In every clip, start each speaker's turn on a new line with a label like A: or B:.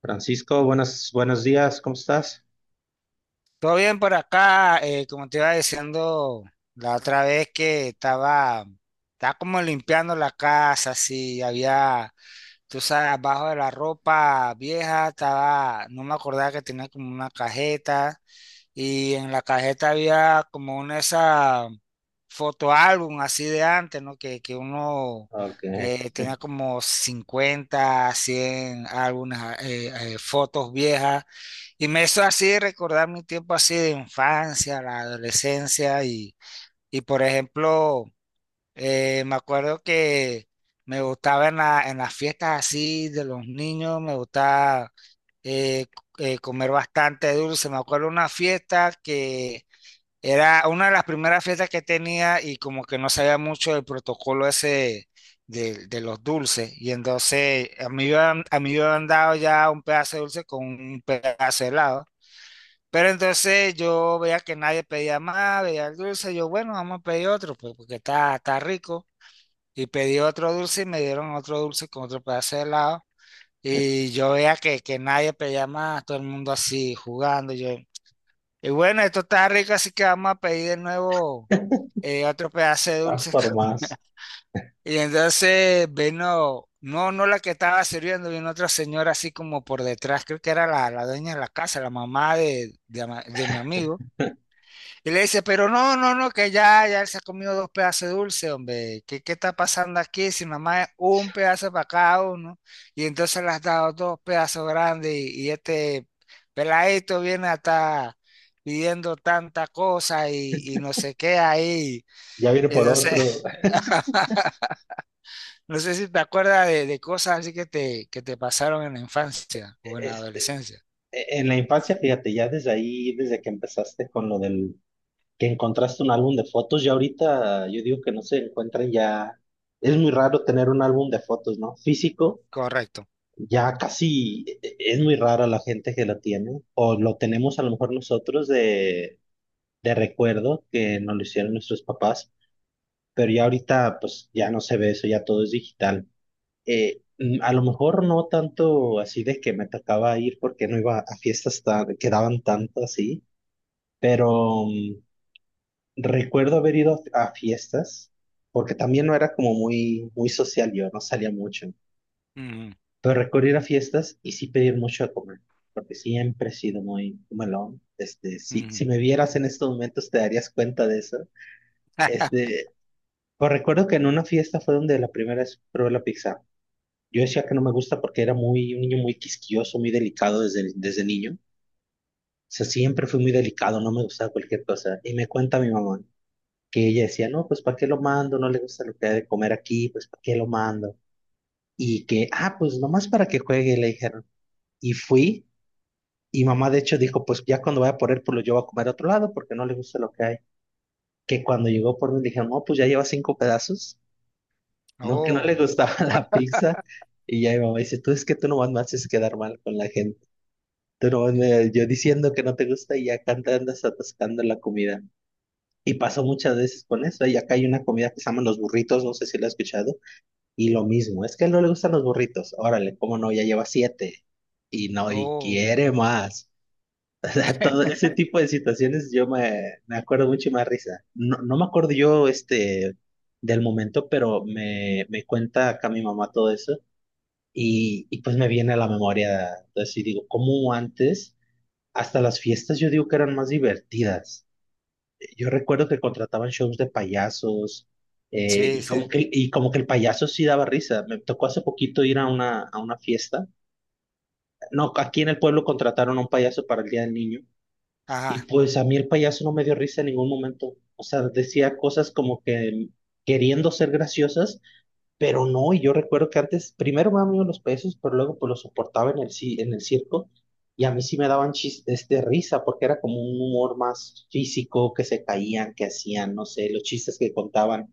A: Francisco, buenos días, ¿cómo estás?
B: Todo bien por acá, como te iba diciendo la otra vez que estaba como limpiando la casa, así había, tú sabes, abajo de la ropa vieja estaba, no me acordaba que tenía como una cajeta y en la cajeta había como una esa fotoálbum así de antes, ¿no? Que uno
A: Ok.
B: tenía como 50 100 álbumes, fotos viejas. Y me hizo así recordar mi tiempo así de infancia, la adolescencia. Y por ejemplo, me acuerdo que me gustaba en las fiestas así de los niños, me gustaba eh, comer bastante dulce. Me acuerdo una fiesta que era una de las primeras fiestas que tenía y como que no sabía mucho del protocolo ese de los dulces. Y entonces a mí me habían dado ya un pedazo de dulce con un pedazo de helado. Pero entonces yo veía que nadie pedía más, veía el dulce. Yo, bueno, vamos a pedir otro, pues porque está rico. Y pedí otro dulce y me dieron otro dulce con otro pedazo de helado. Y yo veía que nadie pedía más, todo el mundo así jugando. Yo, y bueno, esto está rico, así que vamos a pedir de nuevo otro pedazo de
A: Vas
B: dulce.
A: por más.
B: Y entonces vino, no, no la que estaba sirviendo, vino otra señora así como por detrás, creo que era la dueña de la casa, la mamá de mi amigo. Y le dice, pero no, no, no, que ya, ya él se ha comido dos pedazos de dulce, hombre. ¿Qué está pasando aquí? Si mamá es un pedazo para cada uno, y entonces le has dado dos pedazos grandes, y este peladito viene a estar pidiendo tanta cosa y no sé qué ahí.
A: Ya viene por
B: No sé
A: otro.
B: no sé si te acuerdas de cosas así que te pasaron en la infancia o en la
A: Este,
B: adolescencia.
A: en la infancia, fíjate, ya desde ahí, desde que empezaste con lo del que encontraste un álbum de fotos, ya ahorita yo digo que no se encuentran ya. Es muy raro tener un álbum de fotos, ¿no? Físico,
B: Correcto.
A: ya casi es muy rara la gente que lo tiene, o lo tenemos a lo mejor nosotros de recuerdo que nos lo hicieron nuestros papás. Pero ya ahorita pues ya no se ve eso, ya todo es digital. A lo mejor no tanto así de que me tocaba ir porque no iba a fiestas tan, que daban tanto así, pero recuerdo haber ido a fiestas porque también no era como muy, muy social yo, no salía mucho,
B: Ujú,
A: pero recuerdo ir a fiestas y sí pedir mucho a comer. Porque siempre he sido muy melón. Este, si,
B: ujú.
A: si me vieras en estos momentos, te darías cuenta de eso. Este, pues recuerdo que en una fiesta fue donde la primera vez probé la pizza. Yo decía que no me gusta porque era muy, un niño muy quisquilloso, muy delicado desde niño. O sea, siempre fui muy delicado, no me gustaba cualquier cosa. Y me cuenta mi mamá que ella decía, no, pues ¿para qué lo mando? No le gusta lo que hay de comer aquí, pues ¿para qué lo mando? Y que, ah, pues nomás para que juegue, le dijeron. Y fui, y mamá de hecho dijo, pues ya cuando vaya por él, pues lo llevo a comer a otro lado porque no le gusta lo que hay. Que cuando llegó por mí, le dijeron, no, pues ya lleva cinco pedazos. No, que no le
B: Oh,
A: gustaba la pizza. Y ya mi mamá dice, tú es que tú nomás me haces quedar mal con la gente. Tú no, me- yo diciendo que no te gusta y acá te andas atascando la comida. Y pasó muchas veces con eso. Y acá hay una comida que se llaman los burritos, no sé si la has escuchado. Y lo mismo, es que él no le gustan los burritos. Órale, cómo no, ya lleva siete. Y no, y
B: oh,
A: quiere más. O sea, todo ese tipo de situaciones yo me acuerdo mucho y me da risa. No, no me acuerdo yo este del momento, pero me cuenta acá mi mamá todo eso. Y pues me viene a la memoria. Entonces, y digo, ¿cómo antes? Hasta las fiestas yo digo que eran más divertidas. Yo recuerdo que contrataban shows de payasos eh,
B: sí,
A: y, como
B: sí.
A: que, y como que el payaso sí daba risa. Me tocó hace poquito ir a una fiesta. No, aquí en el pueblo contrataron a un payaso para el Día del Niño y
B: Ajá.
A: pues a mí el payaso no me dio risa en ningún momento. O sea, decía cosas como que queriendo ser graciosas pero no, y yo recuerdo que antes, primero me daban miedo los pesos, pero luego pues los soportaba en el circo, y a mí sí me daban risa, porque era como un humor más físico, que se caían, que hacían, no sé, los chistes que contaban,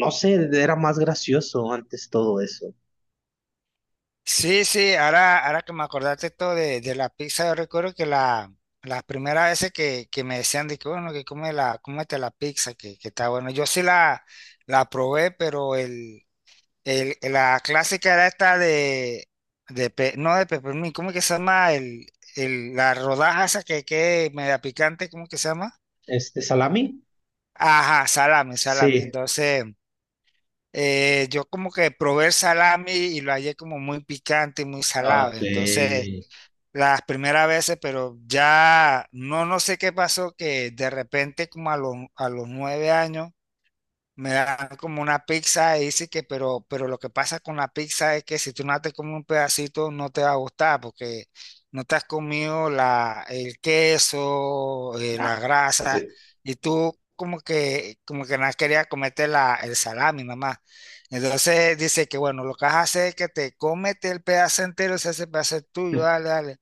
A: no sé, era más gracioso antes todo eso.
B: Sí, sí, ahora, ahora que me acordaste esto de la pizza, yo recuerdo que las primeras veces que me decían de que bueno, que come la, cómete la pizza, que está bueno. Yo sí la probé, pero la clásica era esta no de peppermint, ¿cómo que se llama? La rodaja esa que media picante, ¿cómo que se llama?
A: Este, ¿salami?
B: Ajá, salami, salami.
A: Sí.
B: Entonces, yo como que probé el salami y lo hallé como muy picante y muy salado.
A: Ok.
B: Entonces, las primeras veces, pero ya no, no sé qué pasó, que de repente como a los 9 años, me dan como una pizza y dice que, pero lo que pasa con la pizza es que si tú no te comes un pedacito no te va a gustar porque no te has comido el queso,
A: Ah,
B: la grasa
A: sí.
B: y tú como que no querías comerte el salami mamá. Entonces dice que bueno, lo que vas a hacer es que te comete el pedazo entero, si ese pedazo es tuyo, dale, dale.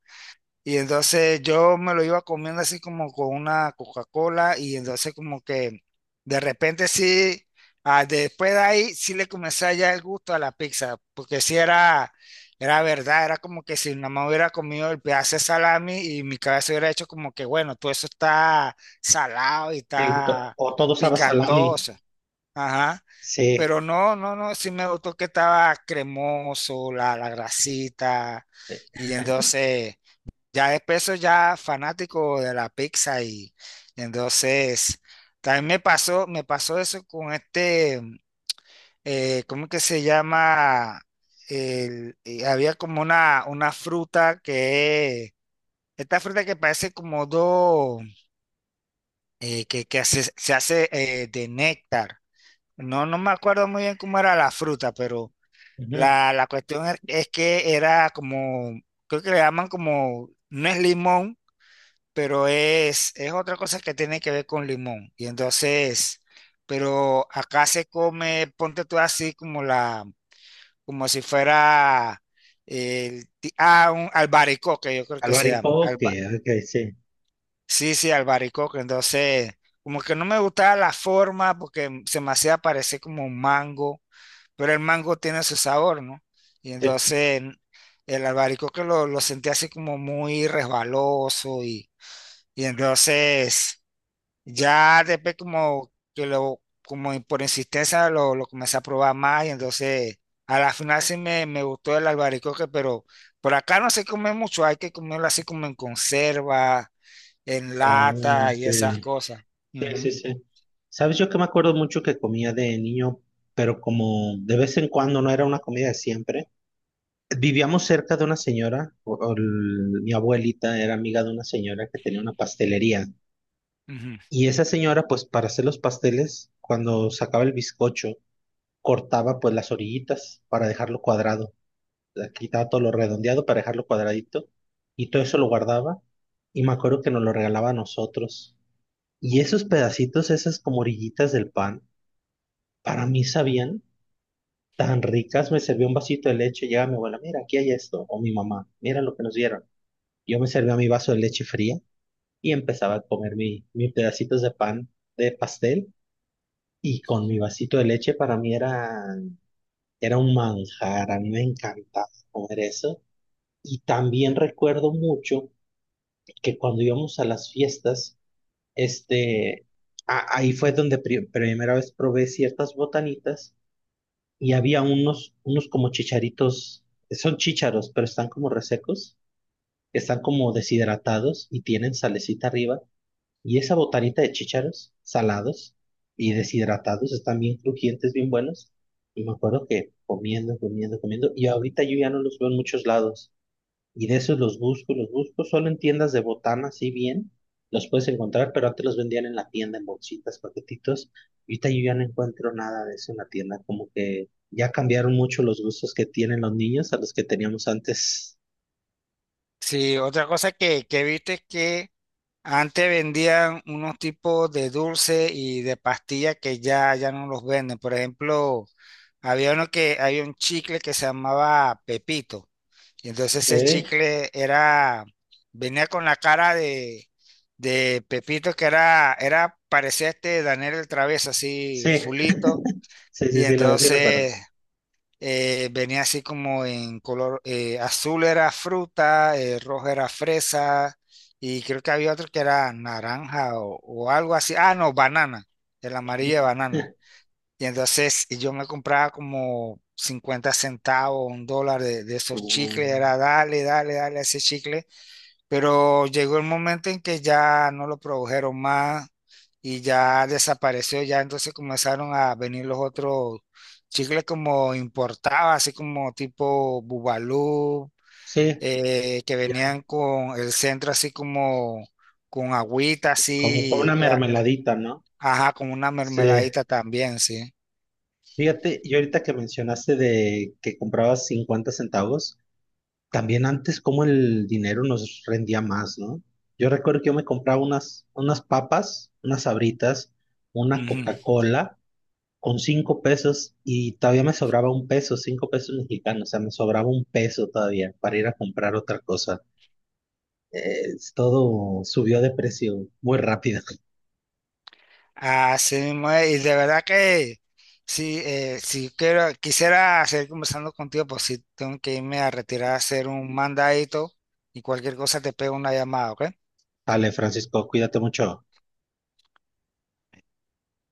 B: Y entonces yo me lo iba comiendo así como con una Coca-Cola y entonces como que de repente sí, ah, después de ahí sí le comencé a hallar el gusto a la pizza, porque sí era, era verdad, era como que si nada más hubiera comido el pedazo de salami y mi cabeza hubiera hecho como que bueno, todo eso está salado y
A: Sí, to-
B: está
A: o todo sabe a salami.
B: picantoso, ajá,
A: Sí.
B: pero no, no, no, sí me gustó que estaba cremoso, la grasita y entonces... Ya después soy ya fanático de la pizza y entonces también me pasó eso con este, ¿cómo que se llama? Había como una fruta que, esta fruta que parece como dos, se hace de néctar. No, no me acuerdo muy bien cómo era la fruta, pero
A: Ujú.
B: la cuestión es que era como, creo que le llaman como, no es limón pero es otra cosa que tiene que ver con limón. Y entonces, pero acá se come, ponte tú así como como si fuera un albaricoque, yo creo que se llama.
A: Albaricoque,
B: alba-
A: ok, sí.
B: sí, sí, albaricoque. Entonces, como que no me gustaba la forma porque se me hacía parecer como un mango, pero el mango tiene su sabor, ¿no? Y
A: Sí.
B: entonces el albaricoque lo sentí así como muy resbaloso y entonces... Ya después como que como por insistencia lo comencé a probar más y entonces a la final sí me gustó el albaricoque, pero por acá no se come mucho, hay que comerlo así como en conserva, en
A: Ah,
B: lata
A: ok.
B: y esas cosas.
A: Sí,
B: Ujú,
A: sí, sí. ¿Sabes? Yo que me acuerdo mucho que comía de niño, pero como de vez en cuando no era una comida de siempre. Vivíamos cerca de una señora, o el- mi abuelita era amiga de una señora que tenía una pastelería.
B: ujú.
A: Y esa señora, pues para hacer los pasteles, cuando sacaba el bizcocho, cortaba pues las orillitas para dejarlo cuadrado. Le quitaba todo lo redondeado para dejarlo cuadradito. Y todo eso lo guardaba. Y me acuerdo que nos lo regalaba a nosotros. Y esos pedacitos, esas como orillitas del pan, para mí sabían tan ricas. Me servía un vasito de leche, llega mi abuela, mira, aquí hay esto, o mi mamá, mira lo que nos dieron. Yo me servía mi vaso de leche fría y empezaba a comer mis pedacitos de pan de pastel y con mi vasito de leche para mí era, era un manjar, a mí me encantaba comer eso. Y también recuerdo mucho que cuando íbamos a las fiestas, este, ahí fue donde primera vez probé ciertas botanitas y había unos, como chicharitos, son chícharos, pero están como resecos, están como deshidratados y tienen salecita arriba. Y esa botanita de chícharos salados y deshidratados están bien crujientes, bien buenos. Y me acuerdo que comiendo, comiendo, comiendo. Y ahorita yo ya no los veo en muchos lados. Y de esos los busco, solo en tiendas de botana, sí bien, los puedes encontrar, pero antes los vendían en la tienda en bolsitas, paquetitos. Y ahorita yo ya no encuentro nada de eso en la tienda, como que ya cambiaron mucho los gustos que tienen los niños a los que teníamos antes.
B: Sí, otra cosa que viste es que antes vendían unos tipos de dulce y de pastillas que ya, ya no los venden. Por ejemplo, había uno había un chicle que se llamaba Pepito. Y entonces ese
A: ¿Eh?
B: chicle era, venía con la cara de Pepito, que parecía este Daniel el Travieso, así
A: Sí,
B: fulito.
A: sí, sí,
B: Y
A: sí, lo sí recuerdo.
B: entonces venía así como en color, azul era fruta, rojo era fresa, y creo que había otro que era naranja o algo así. Ah, no, banana, el amarillo de banana. Y entonces yo me compraba como 50 centavos, $1 de esos
A: Ujú.
B: chicles,
A: Mm,
B: era dale, dale, dale a ese chicle, pero llegó el momento en que ya no lo produjeron más y ya desapareció, ya entonces comenzaron a venir los otros chicles como importados, así como tipo Bubalú,
A: sí,
B: que
A: ya,
B: venían con el centro así como con agüita,
A: como una
B: así,
A: mermeladita, ¿no?
B: ajá, con una
A: Sí.
B: mermeladita también, sí.
A: Fíjate, y ahorita que mencionaste de que comprabas 50 centavos, también antes como el dinero nos rendía más, ¿no? Yo recuerdo que yo me compraba unas, unas papas, unas Sabritas, una
B: Ujú.
A: Coca-Cola con 5 pesos y todavía me sobraba 1 peso, 5 pesos mexicanos, o sea, me sobraba 1 peso todavía para ir a comprar otra cosa. Todo subió de precio muy rápido.
B: Así mismo es, y de verdad que sí, si quisiera seguir conversando contigo, pues sí tengo que irme a retirar a hacer un mandadito y cualquier cosa te pego una llamada, ¿ok?
A: Dale, Francisco, cuídate mucho.